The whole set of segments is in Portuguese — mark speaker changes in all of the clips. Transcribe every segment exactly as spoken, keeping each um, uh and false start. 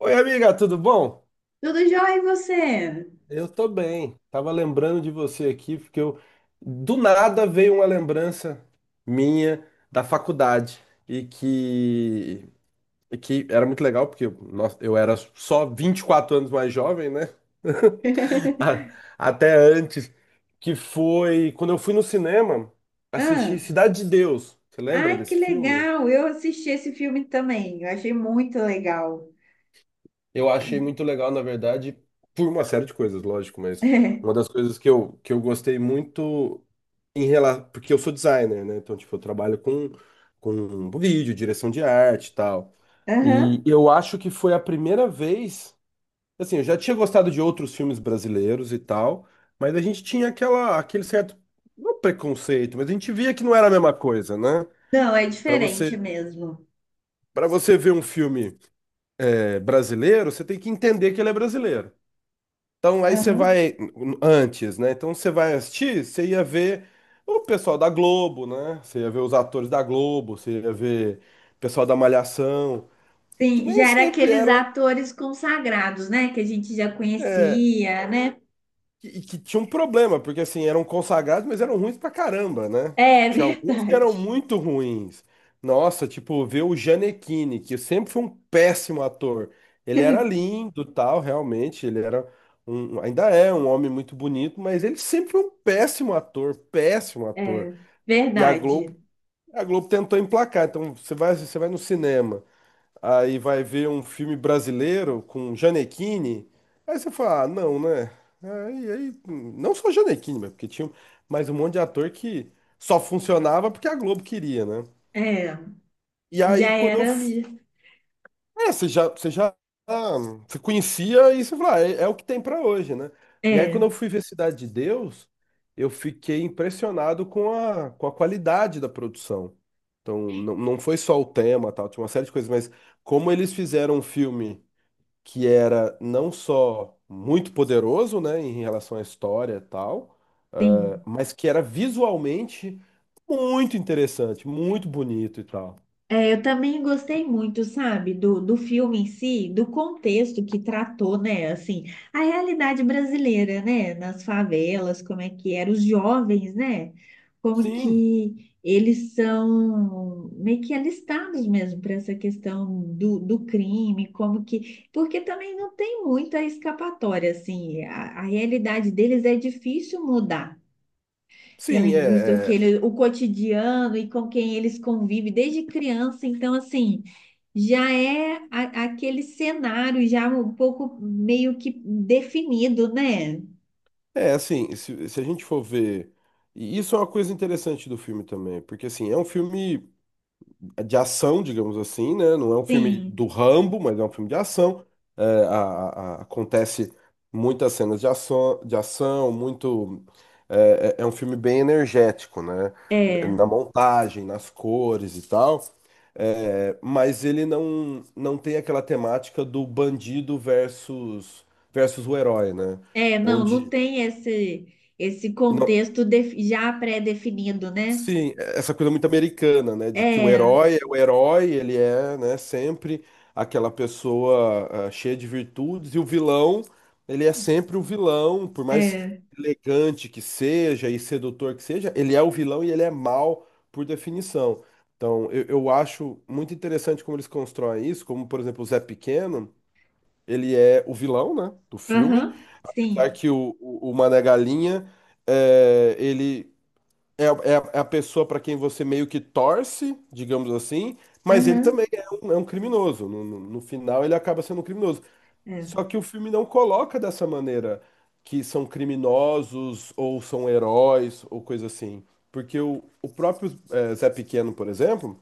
Speaker 1: Oi, amiga, tudo bom?
Speaker 2: Tudo jóia e você?
Speaker 1: Eu tô bem. Tava lembrando de você aqui, porque eu do nada veio uma lembrança minha da faculdade e que e que era muito legal, porque nossa, eu era só vinte e quatro anos mais jovem, né? A- Até antes, que foi quando eu fui no cinema assistir
Speaker 2: Ah,
Speaker 1: Cidade de Deus. Você lembra
Speaker 2: ai, que
Speaker 1: desse filme?
Speaker 2: legal! Eu assisti esse filme também. Eu achei muito legal.
Speaker 1: Eu achei muito legal, na verdade, por uma série de coisas, lógico, mas uma das coisas que eu, que eu gostei muito em relação. Porque eu sou designer, né? Então, tipo, eu trabalho com, com vídeo, direção de arte e tal.
Speaker 2: É.
Speaker 1: E
Speaker 2: Aham.
Speaker 1: eu acho que foi a primeira vez. Assim, eu já tinha gostado de outros filmes brasileiros e tal, mas a gente tinha aquela, aquele certo. Não preconceito, mas a gente via que não era a mesma coisa, né?
Speaker 2: Não, é
Speaker 1: Pra
Speaker 2: diferente
Speaker 1: você,
Speaker 2: mesmo.
Speaker 1: para você ver um filme, eh, brasileiro, você tem que entender que ele é brasileiro. Então aí você
Speaker 2: Aham.
Speaker 1: vai antes, né? Então você vai assistir, você ia ver o pessoal da Globo, né? Você ia ver os atores da Globo, você ia ver o pessoal da Malhação, que
Speaker 2: Sim,
Speaker 1: nem
Speaker 2: já era
Speaker 1: sempre
Speaker 2: aqueles
Speaker 1: era.
Speaker 2: atores consagrados, né? Que a gente já
Speaker 1: é,
Speaker 2: conhecia, né?
Speaker 1: E que tinha um problema, porque assim, eram consagrados, mas eram ruins pra caramba, né? Tipo,
Speaker 2: É
Speaker 1: tinha alguns que eram
Speaker 2: verdade.
Speaker 1: muito ruins. Nossa, tipo, ver o Gianecchini, que sempre foi um péssimo ator. Ele era lindo, tal, realmente, ele era um, ainda é um homem muito bonito, mas ele sempre foi um péssimo ator, péssimo ator.
Speaker 2: É
Speaker 1: E a
Speaker 2: verdade.
Speaker 1: Globo, a Globo tentou emplacar. Então, você vai, você vai no cinema. Aí vai ver um filme brasileiro com Janequine. Aí você fala, ah, não, né? Aí, aí, não só Janequine, mas porque tinha mais um monte de ator que só funcionava porque a Globo queria, né?
Speaker 2: É,
Speaker 1: E aí
Speaker 2: já
Speaker 1: quando eu.
Speaker 2: era.
Speaker 1: F- É, você já, você já ah, você conhecia e você fala, ah, é, é o que tem pra hoje, né? E aí quando
Speaker 2: É,
Speaker 1: eu fui ver Cidade de Deus, eu fiquei impressionado com a, com a qualidade da produção. Então, não, não foi só o tema, tal, tinha uma série de coisas, mas como eles fizeram um filme que era não só muito poderoso, né, em relação à história e tal, eh,
Speaker 2: sim.
Speaker 1: mas que era visualmente muito interessante, muito bonito e tal.
Speaker 2: É, eu também gostei muito, sabe, do, do filme em si, do contexto que tratou, né, assim, a realidade brasileira, né, nas favelas, como é que eram os jovens, né, como
Speaker 1: Sim,
Speaker 2: que eles são meio que alistados mesmo para essa questão do, do crime, como que, porque também não tem muita escapatória, assim, a, a realidade deles é difícil mudar. Tendo
Speaker 1: sim, é,
Speaker 2: em vista o que
Speaker 1: é,
Speaker 2: ele, o cotidiano e com quem eles convivem desde criança, então assim, já é a- aquele cenário já um pouco meio que definido, né?
Speaker 1: é assim, se, se a gente for ver, e isso é uma coisa interessante do filme também, porque assim, é um filme de ação, digamos assim, né? Não é um filme do
Speaker 2: Sim,
Speaker 1: Rambo, mas é um filme de ação. É, a- a- a- acontece muitas cenas de ação, de ação, muito. É, é- é um filme bem energético, né?
Speaker 2: é,
Speaker 1: Na montagem, nas cores e tal. É, mas ele não, não tem aquela temática do bandido versus versus o herói, né?
Speaker 2: é, não, não
Speaker 1: Onde
Speaker 2: tem esse esse
Speaker 1: não-
Speaker 2: contexto def- já pré-definido, né?
Speaker 1: Sim, essa coisa muito americana, né? De que o
Speaker 2: É,
Speaker 1: herói é o herói, ele é, né, sempre aquela pessoa ah, cheia de virtudes, e o vilão, ele é sempre o vilão, por mais
Speaker 2: é,
Speaker 1: elegante que seja e sedutor que seja, ele é o vilão e ele é mal por definição. Então, eu, eu acho muito interessante como eles constroem isso, como, por exemplo, o Zé Pequeno, ele é o vilão, né, do filme,
Speaker 2: aham,
Speaker 1: apesar
Speaker 2: sim,
Speaker 1: que o, o, o Mané Galinha, é, ele. É, a- é, a é a pessoa para quem você meio que torce, digamos assim, mas ele
Speaker 2: aham,
Speaker 1: também é um, é um criminoso. No, no- no final, ele acaba sendo um criminoso.
Speaker 2: é,
Speaker 1: Só que o filme não coloca dessa maneira que são criminosos ou são heróis ou coisa assim. Porque o, o próprio eh, Zé Pequeno, por exemplo,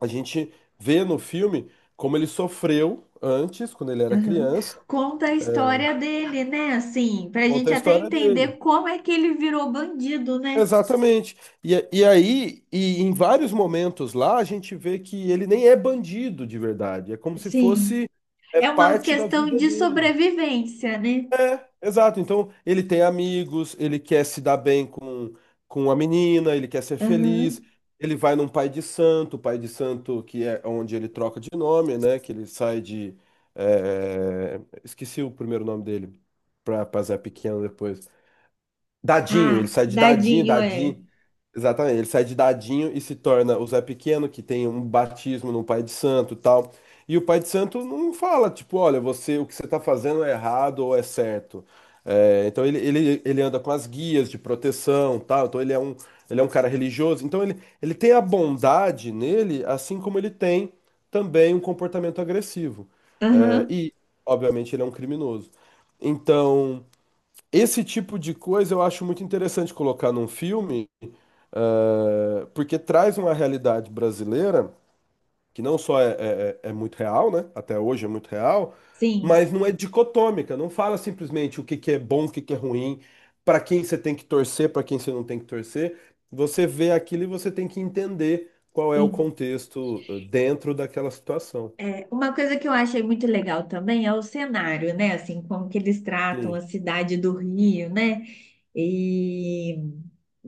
Speaker 1: a gente vê no filme como ele sofreu antes, quando ele era
Speaker 2: aham.
Speaker 1: criança,
Speaker 2: Conta a
Speaker 1: é,
Speaker 2: história dele, né? Assim, pra
Speaker 1: conta
Speaker 2: gente
Speaker 1: a
Speaker 2: até
Speaker 1: história dele.
Speaker 2: entender como é que ele virou bandido, né?
Speaker 1: Exatamente. E, e aí, e em vários momentos lá, a gente vê que ele nem é bandido de verdade. É como se
Speaker 2: Sim.
Speaker 1: fosse é
Speaker 2: É uma
Speaker 1: parte da
Speaker 2: questão
Speaker 1: vida
Speaker 2: de
Speaker 1: dele.
Speaker 2: sobrevivência, né?
Speaker 1: É, exato. Então, ele tem amigos, ele quer se dar bem com, com a menina, ele quer ser
Speaker 2: Aham.
Speaker 1: feliz. Ele vai num pai de santo, pai de santo que é onde ele troca de nome, né? Que ele sai de. é, Esqueci o primeiro nome dele, para Zé Pequeno depois. Dadinho, ele
Speaker 2: Ah,
Speaker 1: sai de Dadinho,
Speaker 2: dadinho é.
Speaker 1: Dadinho. Exatamente, ele sai de Dadinho e se torna o Zé Pequeno, que tem um batismo no Pai de Santo e tal. E o Pai de Santo não fala, tipo, olha, você, o que você tá fazendo é errado ou é certo. É, então ele, ele, ele anda com as guias de proteção, tal. Então ele é um, ele é um cara religioso. Então ele, ele tem a bondade nele, assim como ele tem também um comportamento agressivo. É,
Speaker 2: Aham.
Speaker 1: e, obviamente, ele é um criminoso. Então. Esse tipo de coisa eu acho muito interessante colocar num filme, eh, porque traz uma realidade brasileira que não só é, é- é é muito real, né? Até hoje é muito real,
Speaker 2: Sim,
Speaker 1: mas não é dicotômica. Não fala simplesmente o que que é bom, o que que é ruim, para quem você tem que torcer, para quem você não tem que torcer. Você vê aquilo e você tem que entender qual é o
Speaker 2: sim.
Speaker 1: contexto eh, dentro daquela situação.
Speaker 2: É, uma coisa que eu achei muito legal também é o cenário, né? Assim, como que eles tratam
Speaker 1: Sim.
Speaker 2: a cidade do Rio, né? E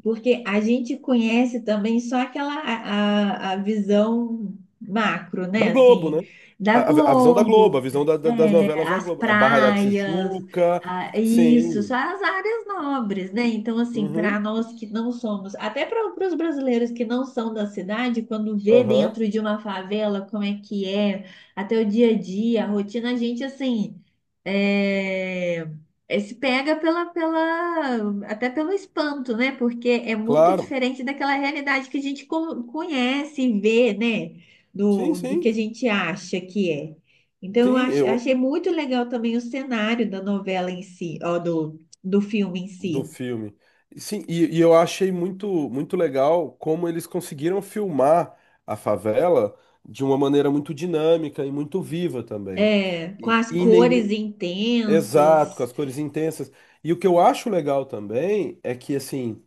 Speaker 2: porque a gente conhece também só aquela a, a a visão macro,
Speaker 1: Da
Speaker 2: né?
Speaker 1: Globo,
Speaker 2: Assim,
Speaker 1: né?
Speaker 2: da
Speaker 1: A, a- a visão da Globo, a
Speaker 2: Globo,
Speaker 1: visão da- da- das
Speaker 2: é,
Speaker 1: novelas da
Speaker 2: as
Speaker 1: Globo. É Barra da
Speaker 2: praias,
Speaker 1: Tijuca,
Speaker 2: a- isso, só
Speaker 1: sim.
Speaker 2: as áreas nobres, né? Então, assim, para
Speaker 1: Uhum,
Speaker 2: nós que não somos, até para os brasileiros que não são da cidade, quando vê
Speaker 1: aham,
Speaker 2: dentro de uma favela como é que é, até o dia a dia, a rotina, a gente, assim. É, esse pega pela, pela, até pelo espanto, né? Porque é muito
Speaker 1: claro.
Speaker 2: diferente daquela realidade que a gente co- conhece e vê, né?
Speaker 1: Sim,
Speaker 2: Do, do que a
Speaker 1: sim,
Speaker 2: gente acha que é. Então, eu
Speaker 1: sim,
Speaker 2: ach-
Speaker 1: eu,
Speaker 2: achei muito legal também o cenário da novela em si, ó, do, do filme em
Speaker 1: do
Speaker 2: si.
Speaker 1: filme. Sim, e, e eu achei muito, muito legal como eles conseguiram filmar a favela de uma maneira muito dinâmica e muito viva também.
Speaker 2: É, com
Speaker 1: E,
Speaker 2: as
Speaker 1: e em
Speaker 2: cores
Speaker 1: nenhum. Exato, com
Speaker 2: intensas.
Speaker 1: as cores intensas. E o que eu acho legal também é que, assim.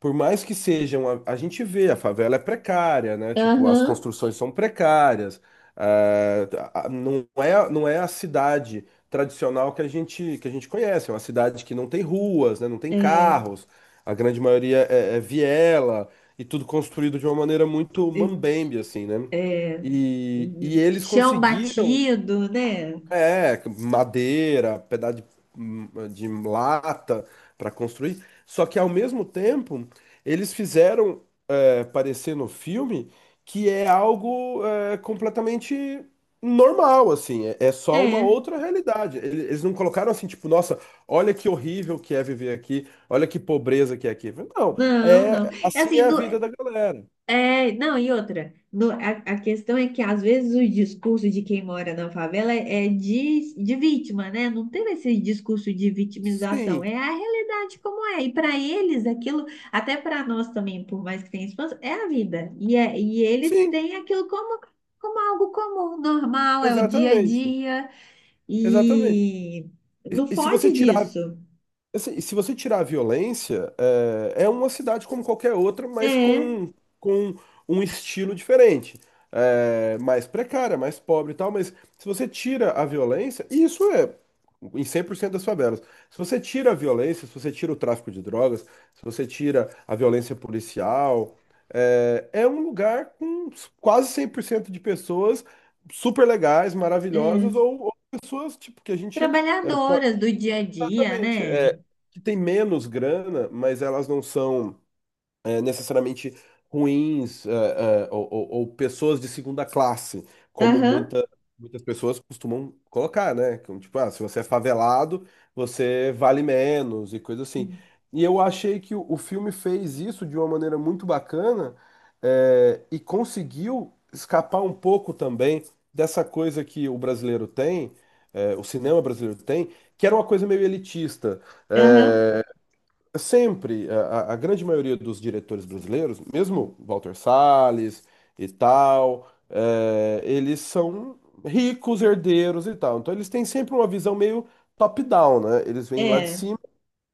Speaker 1: Por mais que sejam, a, a gente vê, a favela é precária, né? Tipo, as
Speaker 2: Aham.
Speaker 1: construções são precárias. eh, a- a- não é, não é a cidade tradicional que a gente, que a gente conhece. É uma cidade que não tem ruas, né? Não tem
Speaker 2: É,
Speaker 1: carros. A grande maioria é, é viela e tudo construído de uma maneira muito mambembe, assim, né?
Speaker 2: é,
Speaker 1: E, e
Speaker 2: um
Speaker 1: eles
Speaker 2: chão
Speaker 1: conseguiram
Speaker 2: batido, né?
Speaker 1: é, madeira, pedaço de, hum, de lata para construir. Só que ao mesmo tempo, eles fizeram é, parecer no filme que é algo é, completamente normal, assim. É, é só uma
Speaker 2: É.
Speaker 1: outra realidade. Ele- Eles não colocaram assim, tipo, nossa, olha que horrível que é viver aqui, olha que pobreza que é aqui. Não,
Speaker 2: Não, não.
Speaker 1: é
Speaker 2: É.
Speaker 1: assim
Speaker 2: Assim,
Speaker 1: é a
Speaker 2: no-
Speaker 1: vida da galera.
Speaker 2: é, não, e outra, no- a, a questão é que às vezes o discurso de quem mora na favela é de, de vítima, né? Não tem esse discurso de vitimização,
Speaker 1: Sim,
Speaker 2: é a realidade como é. E para eles, aquilo, até para nós também, por mais que tenha espaço, é a vida. E, é, e eles
Speaker 1: sim,
Speaker 2: têm aquilo como, como algo comum, normal, é o dia a
Speaker 1: exatamente,
Speaker 2: dia,
Speaker 1: exatamente.
Speaker 2: e não
Speaker 1: E, e se você
Speaker 2: foge
Speaker 1: tirar
Speaker 2: disso.
Speaker 1: Assim, se você tirar a violência, é, é uma cidade como qualquer outra, mas
Speaker 2: É,
Speaker 1: com, com um estilo diferente. É, mais precária, mais pobre e tal, mas se você tira a violência, e isso é em cem por cento das favelas. Se você tira a violência, se você tira o tráfico de drogas, se você tira a violência policial, é, é um lugar com quase cem por cento de pessoas super legais, maravilhosas,
Speaker 2: é.
Speaker 1: ou, ou pessoas tipo, que a gente. eh,
Speaker 2: Trabalhadoras do dia a dia,
Speaker 1: Exatamente.
Speaker 2: né?
Speaker 1: É, que tem menos grana, mas elas não são é, necessariamente ruins, é, é, ou, ou- ou pessoas de segunda classe, como
Speaker 2: Aham,
Speaker 1: muita, muitas pessoas costumam colocar, né? Como, Tipo, ah, se você é favelado, você vale menos e coisa assim. E eu achei que o, o filme fez isso de uma maneira muito bacana, é, e conseguiu escapar um pouco também dessa coisa que o brasileiro tem, é, o cinema brasileiro tem, que era uma coisa meio elitista.
Speaker 2: aham.
Speaker 1: É, Sempre, a, a- a grande maioria dos diretores brasileiros, mesmo Walter Salles e tal, eh, eles são ricos, herdeiros e tal. Então eles têm sempre uma visão meio top-down, né? Eles vêm lá de
Speaker 2: É,
Speaker 1: cima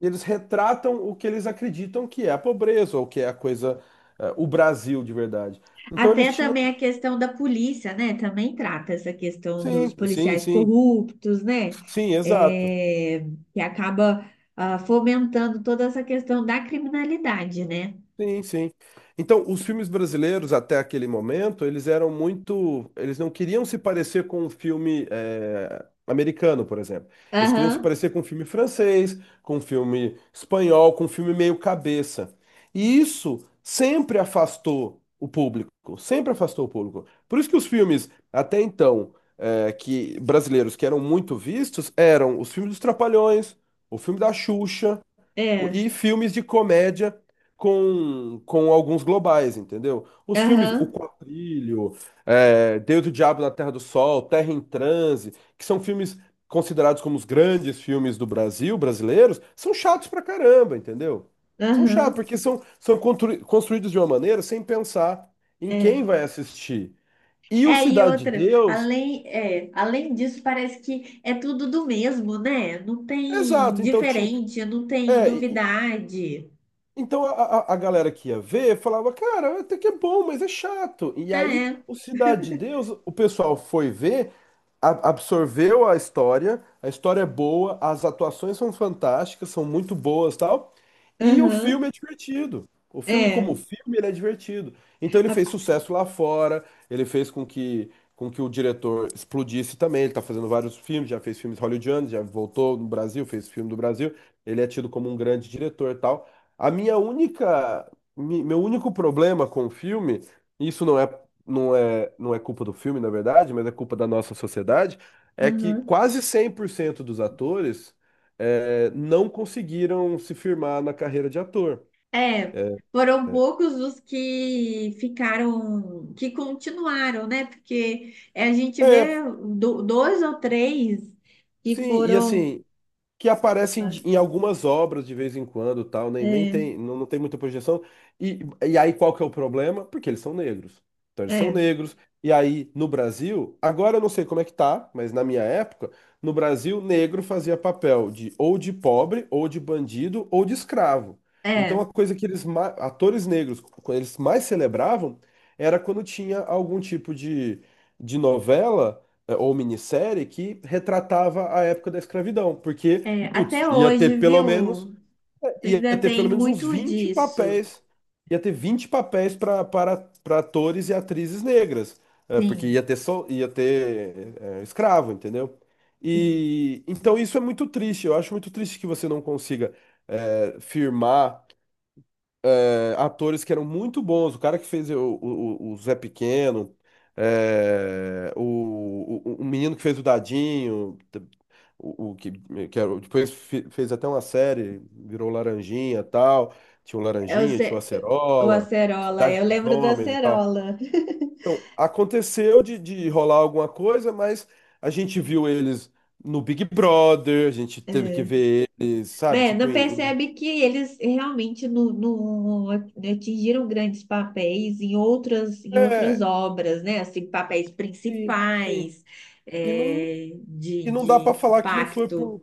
Speaker 1: e eles retratam o que eles acreditam que é a pobreza, ou que é a coisa, eh, o Brasil de verdade. Então eles
Speaker 2: até
Speaker 1: tinham.
Speaker 2: também a questão da polícia, né? Também trata essa questão dos
Speaker 1: Sim, sim,
Speaker 2: policiais
Speaker 1: sim,
Speaker 2: corruptos, né?
Speaker 1: sim, exato.
Speaker 2: É, que acaba ah, fomentando toda essa questão da criminalidade, né?
Speaker 1: Sim, sim. Então, os filmes brasileiros até aquele momento, eles eram muito, eles não queriam se parecer com um filme eh, americano, por exemplo. Eles queriam se
Speaker 2: Aham,
Speaker 1: parecer com um filme francês, com um filme espanhol, com um filme meio cabeça. E isso sempre afastou o público, sempre afastou o público. Por isso que os filmes até então eh, que brasileiros que eram muito vistos eram os filmes dos Trapalhões, o filme da Xuxa e
Speaker 2: é,
Speaker 1: filmes de comédia com, com alguns globais, entendeu? Os filmes O
Speaker 2: aham,
Speaker 1: Quatrilho, é, Deus e o Diabo na Terra do Sol, Terra em Transe, que são filmes considerados como os grandes filmes do Brasil, brasileiros, são chatos pra caramba, entendeu? São chatos,
Speaker 2: aham,
Speaker 1: porque são, são constru- construídos de uma maneira sem pensar em quem
Speaker 2: é.
Speaker 1: vai assistir. E o
Speaker 2: É, e
Speaker 1: Cidade de
Speaker 2: outra,
Speaker 1: Deus,
Speaker 2: além, é, além disso, parece que é tudo do mesmo, né? Não tem
Speaker 1: exato, então tinha.
Speaker 2: diferente, não tem
Speaker 1: É,
Speaker 2: novidade.
Speaker 1: Então a, a a galera que ia ver falava, cara, até que é bom, mas é chato. E
Speaker 2: Ah,
Speaker 1: aí,
Speaker 2: é,
Speaker 1: o Cidade de Deus, o pessoal foi ver, a- absorveu a história, a história é boa, as atuações são fantásticas, são muito boas, tal. E o
Speaker 2: aham,
Speaker 1: filme é divertido. O filme como
Speaker 2: é.
Speaker 1: filme, ele é divertido. Então ele
Speaker 2: A-
Speaker 1: fez sucesso lá fora, ele fez com que com que o diretor explodisse também. Ele tá fazendo vários filmes, já fez filmes hollywoodianos, já voltou no Brasil, fez filme do Brasil. Ele é tido como um grande diretor, e tal. A minha única, mi- Meu único problema com o filme, e isso não é, não é, não é culpa do filme, na verdade, mas é culpa da nossa sociedade, é que
Speaker 2: Aham.
Speaker 1: quase cem por cento dos atores eh, não conseguiram se firmar na carreira de ator.
Speaker 2: É, foram poucos os que ficaram, que continuaram, né? Porque é, a gente
Speaker 1: É,
Speaker 2: vê do- dois ou três que
Speaker 1: sim, e
Speaker 2: foram.
Speaker 1: assim, que aparecem de- em algumas obras de vez em quando, tal, nem, nem
Speaker 2: É,
Speaker 1: tem, não, não tem muita projeção. E, e aí qual que é o problema? Porque eles são negros. Então eles são
Speaker 2: é,
Speaker 1: negros. E aí no Brasil, agora eu não sei como é que tá, mas na minha época, no Brasil, negro fazia papel de ou de pobre, ou de bandido, ou de escravo. Então a
Speaker 2: é,
Speaker 1: coisa que eles, ma- atores negros, quando eles mais celebravam era quando tinha algum tipo de, de novela eh, ou minissérie que retratava a época da escravidão, porque
Speaker 2: é,
Speaker 1: putz,
Speaker 2: até
Speaker 1: ia
Speaker 2: hoje,
Speaker 1: ter pelo menos,
Speaker 2: viu?
Speaker 1: ia
Speaker 2: Ainda
Speaker 1: ter pelo
Speaker 2: tem
Speaker 1: menos uns
Speaker 2: muito
Speaker 1: vinte
Speaker 2: disso.
Speaker 1: papéis, ia ter vinte papéis para para atores e atrizes negras, é, porque
Speaker 2: Sim,
Speaker 1: ia ter sol, ia ter é, escravo, entendeu?
Speaker 2: sim.
Speaker 1: E então isso é muito triste. Eu acho muito triste que você não consiga é, firmar é, atores que eram muito bons. O cara que fez eh, o, o, o Zé Pequeno, é, o, o, o menino que fez o Dadinho, o, o que, que era- depois fe- fez até uma série, virou Laranjinha e tal. Tinha o
Speaker 2: É o,
Speaker 1: Laranjinha, tinha o
Speaker 2: Ce- o
Speaker 1: Acerola,
Speaker 2: Acerola,
Speaker 1: Cidade
Speaker 2: eu
Speaker 1: dos
Speaker 2: lembro da
Speaker 1: Homens e tal.
Speaker 2: Acerola.
Speaker 1: Então, aconteceu de, de rolar alguma coisa, mas a gente viu eles no Big Brother, a gente teve que
Speaker 2: É.
Speaker 1: ver eles, sabe, tipo,
Speaker 2: Brenda,
Speaker 1: em... em-
Speaker 2: percebe que eles realmente no, no- atingiram grandes papéis em outras, em outras
Speaker 1: É,
Speaker 2: obras, né? Assim, papéis
Speaker 1: sim, sim.
Speaker 2: principais,
Speaker 1: E não.
Speaker 2: é, de,
Speaker 1: E não dá pra
Speaker 2: de
Speaker 1: falar que não foi
Speaker 2: impacto.
Speaker 1: por.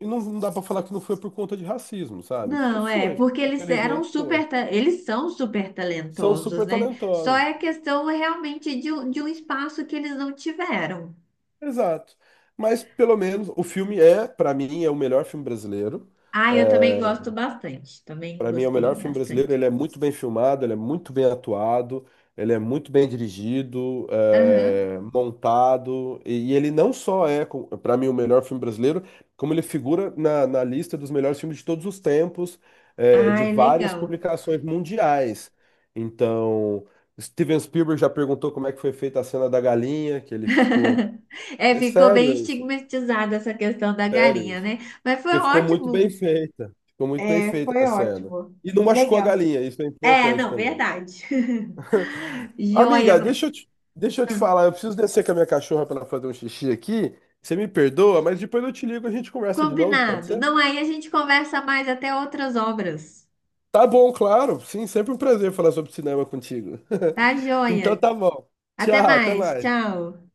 Speaker 1: E não, não dá pra falar que não foi por conta de racismo, sabe? Porque
Speaker 2: Não, é,
Speaker 1: foi.
Speaker 2: porque eles eram
Speaker 1: Infelizmente foi.
Speaker 2: super, ta- eles são super
Speaker 1: São
Speaker 2: talentosos,
Speaker 1: super
Speaker 2: né? Só
Speaker 1: talentosos.
Speaker 2: é questão realmente de, um- de um espaço que eles não tiveram.
Speaker 1: Exato. Mas pelo menos o filme é, pra mim, é o melhor filme brasileiro.
Speaker 2: Ah, eu também
Speaker 1: É,
Speaker 2: gosto bastante, também
Speaker 1: para mim é o
Speaker 2: gostei
Speaker 1: melhor filme brasileiro.
Speaker 2: bastante.
Speaker 1: Ele é muito bem filmado, ele é muito bem atuado, ele é muito bem dirigido,
Speaker 2: Aham.
Speaker 1: é, montado. E, e ele não só é, para mim, o melhor filme brasileiro, como ele figura na, na lista dos melhores filmes de todos os tempos, é,
Speaker 2: Ah,
Speaker 1: de
Speaker 2: é
Speaker 1: várias
Speaker 2: legal.
Speaker 1: publicações mundiais. Então, Steven Spielberg já perguntou como é que foi feita a cena da galinha, que ele ficou.
Speaker 2: É,
Speaker 1: É
Speaker 2: ficou bem
Speaker 1: sério isso,
Speaker 2: estigmatizada essa questão da
Speaker 1: sério
Speaker 2: galinha,
Speaker 1: isso.
Speaker 2: né? Mas foi
Speaker 1: Porque ficou muito
Speaker 2: ótimo.
Speaker 1: bem feita. Ficou muito bem
Speaker 2: É,
Speaker 1: feita
Speaker 2: foi
Speaker 1: a cena.
Speaker 2: ótimo.
Speaker 1: E não machucou a
Speaker 2: Legal.
Speaker 1: galinha, isso é
Speaker 2: É,
Speaker 1: importante
Speaker 2: não,
Speaker 1: também.
Speaker 2: verdade. Joia.
Speaker 1: Amiga,
Speaker 2: mas-
Speaker 1: deixa eu te, deixa eu te
Speaker 2: ah,
Speaker 1: falar, eu preciso descer com a minha cachorra para ela fazer um xixi aqui. Você me perdoa, mas depois eu te ligo e a gente conversa de novo, pode
Speaker 2: Combinado.
Speaker 1: ser?
Speaker 2: Não, aí a gente conversa mais até outras obras.
Speaker 1: Tá bom, claro. Sim, sempre um prazer falar sobre cinema contigo.
Speaker 2: Tá,
Speaker 1: Então
Speaker 2: joia?
Speaker 1: tá bom.
Speaker 2: Até
Speaker 1: Tchau, até
Speaker 2: mais.
Speaker 1: mais.
Speaker 2: Tchau.